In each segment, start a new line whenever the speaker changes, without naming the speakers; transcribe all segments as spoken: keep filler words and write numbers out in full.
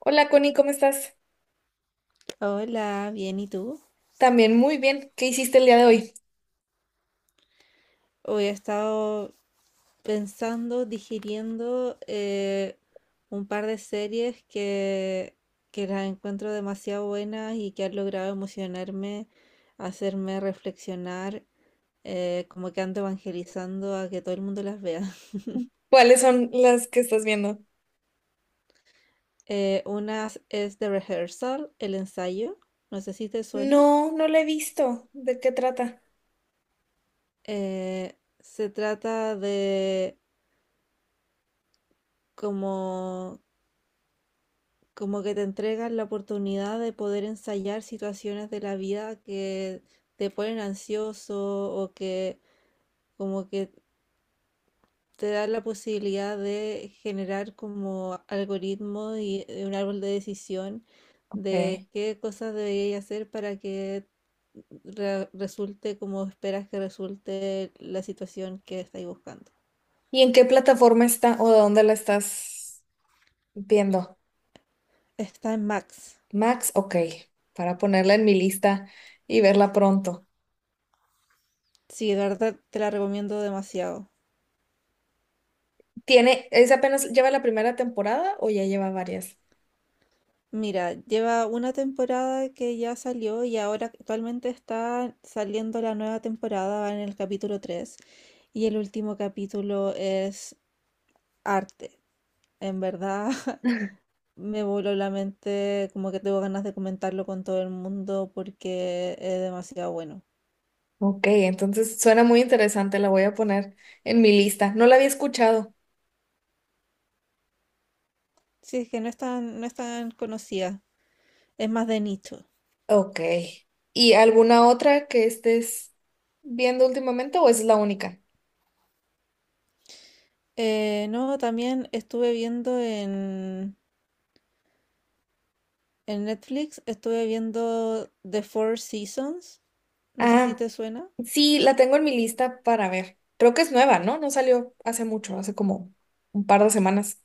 Hola Connie, ¿cómo estás?
Hola, bien, ¿y tú?
También muy bien. ¿Qué hiciste el día de hoy?
Hoy he estado pensando, digiriendo eh, un par de series que, que las encuentro demasiado buenas y que han logrado emocionarme, hacerme reflexionar, eh, como que ando evangelizando a que todo el mundo las vea.
¿Cuáles son las que estás viendo?
Eh, una es The Rehearsal, el ensayo, no sé si te suena.
No, no la he visto. ¿De qué trata?
Eh, se trata de como. Como que te entregan la oportunidad de poder ensayar situaciones de la vida que te ponen ansioso o que como que te dan la posibilidad de generar como algoritmo y eh, un árbol de decisión
Ok.
de qué cosas deberías hacer para que re- resulte como esperas que resulte la situación que estáis buscando.
¿Y en qué plataforma está o de dónde la estás viendo?
Está en Max.
Max, ok, para ponerla en mi lista y verla pronto.
Sí, de verdad te la recomiendo demasiado.
¿Tiene, es apenas, lleva la primera temporada o ya lleva varias?
Mira, lleva una temporada que ya salió y ahora actualmente está saliendo la nueva temporada, va en el capítulo tres y el último capítulo es arte. En verdad me voló la mente, como que tengo ganas de comentarlo con todo el mundo porque es demasiado bueno.
Ok, entonces suena muy interesante, la voy a poner en mi lista. No la había escuchado.
Sí, es que no es tan, no es tan conocida, es más de nicho.
Ok. ¿Y alguna otra que estés viendo últimamente o es la única?
Eh, no, también estuve viendo en En Netflix estuve viendo The Four Seasons. No sé si
Ah,
te suena.
sí, la tengo en mi lista para ver. Creo que es nueva, ¿no? No salió hace mucho, hace como un par de semanas.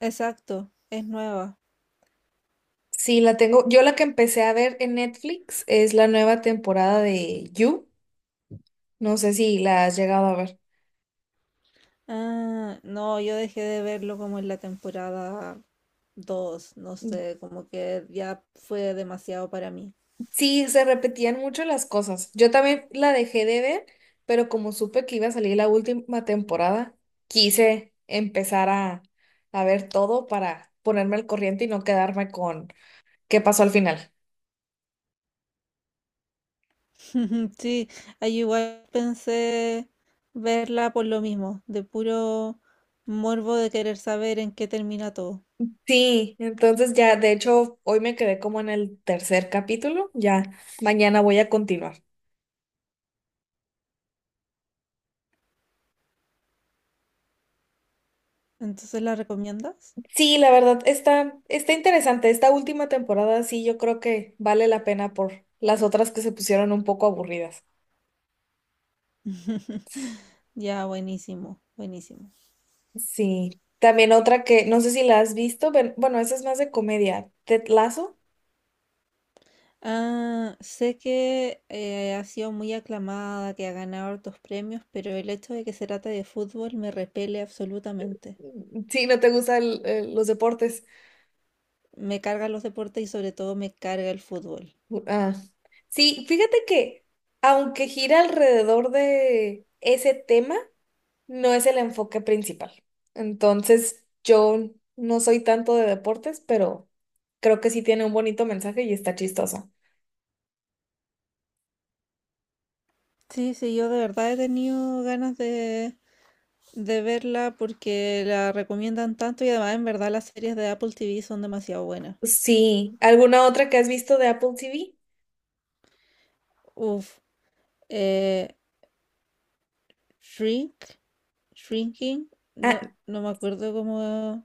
Exacto, es nueva.
Sí, la tengo. Yo la que empecé a ver en Netflix es la nueva temporada de You. No sé si la has llegado a ver.
Ah, no, yo dejé de verlo como en la temporada dos, no sé, como que ya fue demasiado para mí.
Sí, se repetían mucho las cosas. Yo también la dejé de ver, pero como supe que iba a salir la última temporada, quise empezar a, a ver todo para ponerme al corriente y no quedarme con qué pasó al final.
Sí, ahí igual pensé verla por lo mismo, de puro morbo de querer saber en qué termina todo.
Sí, entonces ya, de hecho, hoy me quedé como en el tercer capítulo, ya mañana voy a continuar.
Entonces, ¿la recomiendas?
Sí, la verdad, está, está interesante. Esta última temporada sí, yo creo que vale la pena por las otras que se pusieron un poco aburridas.
Ya, buenísimo, buenísimo.
Sí, también otra que no sé si la has visto, pero bueno, esa es más de comedia. ¿Ted Lasso?
Ah, sé que eh, ha sido muy aclamada, que ha ganado hartos premios, pero el hecho de que se trata de fútbol me repele absolutamente.
Mm, sí, no te gustan los deportes.
Me cargan los deportes y sobre todo me carga el fútbol.
Ah. Sí, fíjate que aunque gira alrededor de ese tema, no es el enfoque principal. Entonces, yo no soy tanto de deportes, pero creo que sí tiene un bonito mensaje y está chistoso.
Sí, sí, yo de verdad he tenido ganas de, de verla porque la recomiendan tanto y además en verdad las series de Apple T V son demasiado buenas.
Sí, ¿alguna otra que has visto de Apple T V?
Uf, eh, Shrink, Shrinking, no,
Ah,
no me acuerdo cómo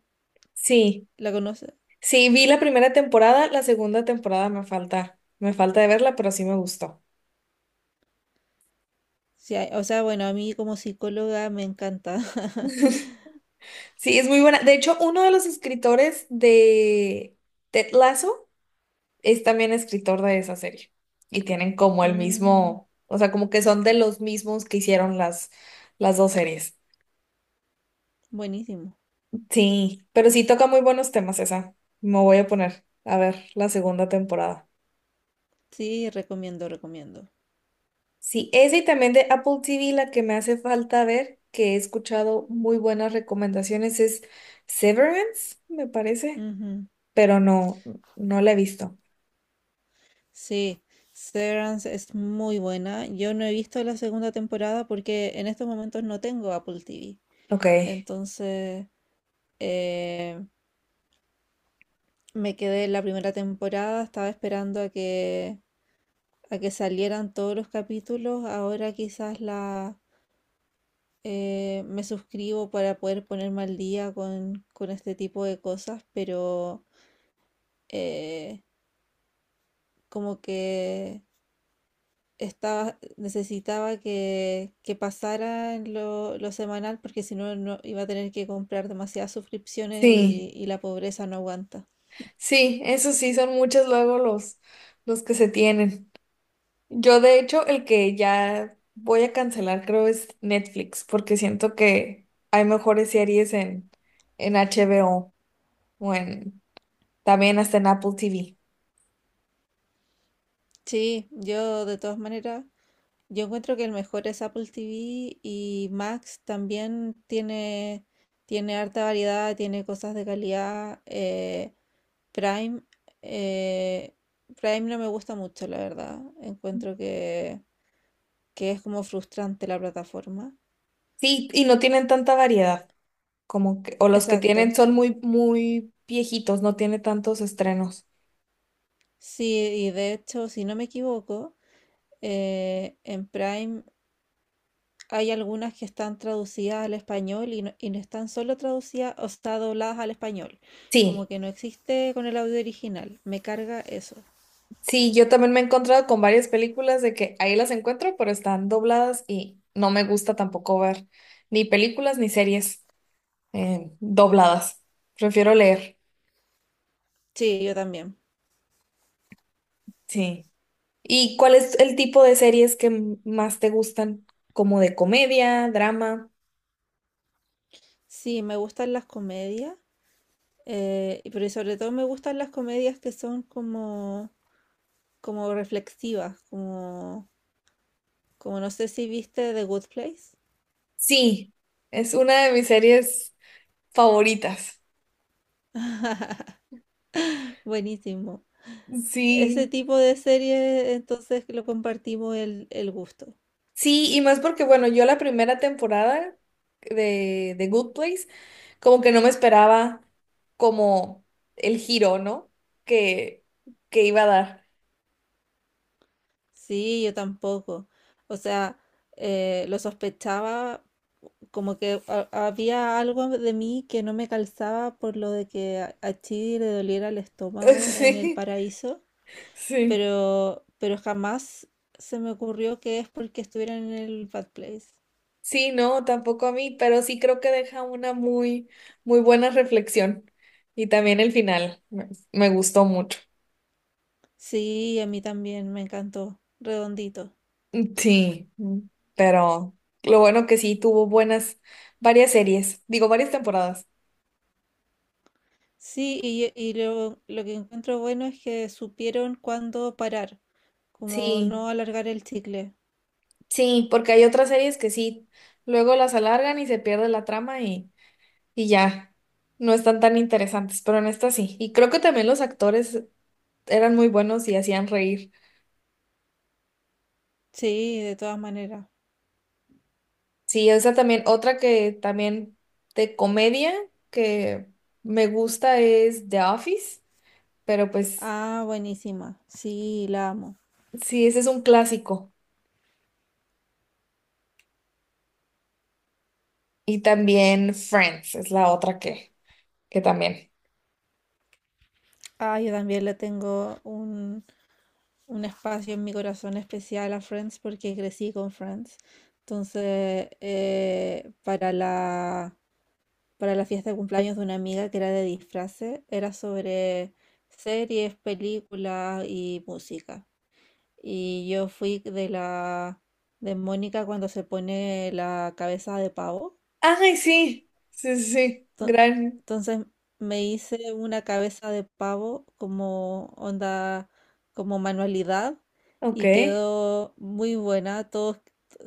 sí,
la conoce.
sí, vi la primera temporada, la segunda temporada me falta, me falta de verla, pero sí me gustó.
Sí, hay- o sea, bueno, a mí como psicóloga me encanta.
Sí, es muy buena. De hecho, uno de los escritores de Ted Lasso es también escritor de esa serie. Y tienen como el
Mm,
mismo, o sea, como que son de los mismos que hicieron las, las dos series.
buenísimo.
Sí, pero sí toca muy buenos temas esa. Me voy a poner a ver la segunda temporada.
Sí, recomiendo, recomiendo.
Sí, ese y también de Apple T V, la que me hace falta ver, que he escuchado muy buenas recomendaciones, es Severance, me parece,
Ujú.
pero no, no la he visto.
Sí, Severance es muy buena. Yo no he visto la segunda temporada porque en estos momentos no tengo Apple T V.
Ok.
Entonces, eh, me quedé en la primera temporada, estaba esperando a que, a que salieran todos los capítulos. Ahora quizás la, eh, me suscribo para poder ponerme al día con, con este tipo de cosas, pero eh, como que estaba, necesitaba que, que pasara lo, lo semanal porque si no, no iba a tener que comprar demasiadas suscripciones
Sí,
y, y la pobreza no aguanta.
sí, eso sí, son muchos luego los, los que se tienen. Yo, de hecho, el que ya voy a cancelar creo es Netflix, porque siento que hay mejores series en, en HBO o o en, también hasta en Apple T V.
Sí, yo de todas maneras. Yo encuentro que el mejor es Apple T V y Max también tiene, tiene harta variedad, tiene cosas de calidad. eh, Prime, eh, Prime no me gusta mucho, la verdad. Encuentro que, que es como frustrante la plataforma.
Sí, y no tienen tanta variedad, como que, o los que
Exacto.
tienen son muy, muy viejitos, no tiene tantos estrenos.
Sí, y de hecho, si no me equivoco, eh, en Prime hay algunas que están traducidas al español y no, y no están solo traducidas, o sea, dobladas al español. Como
Sí,
que no existe con el audio original. Me carga eso.
sí, yo también me he encontrado con varias películas de que ahí las encuentro, pero están dobladas y no me gusta tampoco ver ni películas ni series eh, dobladas. Prefiero leer,
Sí, yo también.
sí. ¿Y cuál es el tipo de series que m- más te gustan? ¿Como de comedia, drama?
Sí, me gustan las comedias, eh, y- pero sobre todo me gustan las comedias que son como, como reflexivas, como, como no sé si viste The Good Place.
Sí, es una de mis series favoritas.
Buenísimo. Ese
Sí,
tipo de serie, entonces lo compartimos el, el gusto.
sí, y más porque, bueno, yo la primera temporada de, de Good Place, como que no me esperaba como el giro, ¿no? Que, que iba a dar.
Sí, yo tampoco. O sea, eh, lo sospechaba como que ha- había algo de mí que no me calzaba por lo de que a, a Chidi le doliera el estómago en el
Sí,
paraíso,
sí.
pero, pero jamás se me ocurrió que es porque estuviera en el Bad Place.
Sí, no, tampoco a mí, pero sí creo que deja una muy, muy buena reflexión. Y también el final me, me gustó mucho.
Sí, a mí también me encantó, redondito.
Sí, mm, pero lo bueno que sí tuvo buenas, varias series, digo, varias temporadas.
Sí, y, y lo, lo que encuentro bueno es que supieron cuándo parar, como
Sí.
no alargar el chicle.
Sí, porque hay otras series que sí, luego las alargan y se pierde la trama y, y ya, no están tan interesantes, pero en esta sí. Y creo que también los actores eran muy buenos y hacían reír.
Sí, de todas maneras.
Sí, esa también, otra que también de comedia que me gusta es The Office, pero pues
Ah, buenísima. Sí, la amo.
sí, ese es un clásico. Y también Friends es la otra que, que también.
Ah, yo también le tengo un, un espacio en mi corazón especial a Friends porque crecí con Friends. Entonces, eh, para la, para la fiesta de cumpleaños de una amiga que era de disfraces, era sobre series, películas y música. Y yo fui de la de Mónica cuando se pone la cabeza de pavo.
Ay, sí, sí, sí, sí,
To-
gran,
Entonces me hice una cabeza de pavo como onda, como manualidad
ok,
y quedó muy buena. Todos,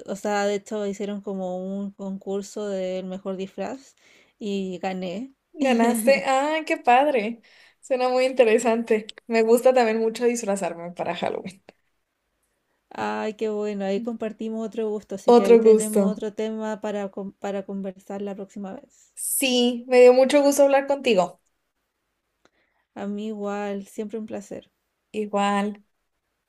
o sea, de hecho hicieron como un concurso del mejor disfraz y gané.
ganaste, ay, qué padre, suena muy interesante, me gusta también mucho disfrazarme para Halloween,
Ay, qué bueno, ahí compartimos otro gusto, así que ahí
otro
tenemos
gusto,
otro tema para, con- para conversar la próxima vez.
sí, me dio mucho gusto hablar contigo,
A mí igual, siempre un placer.
igual.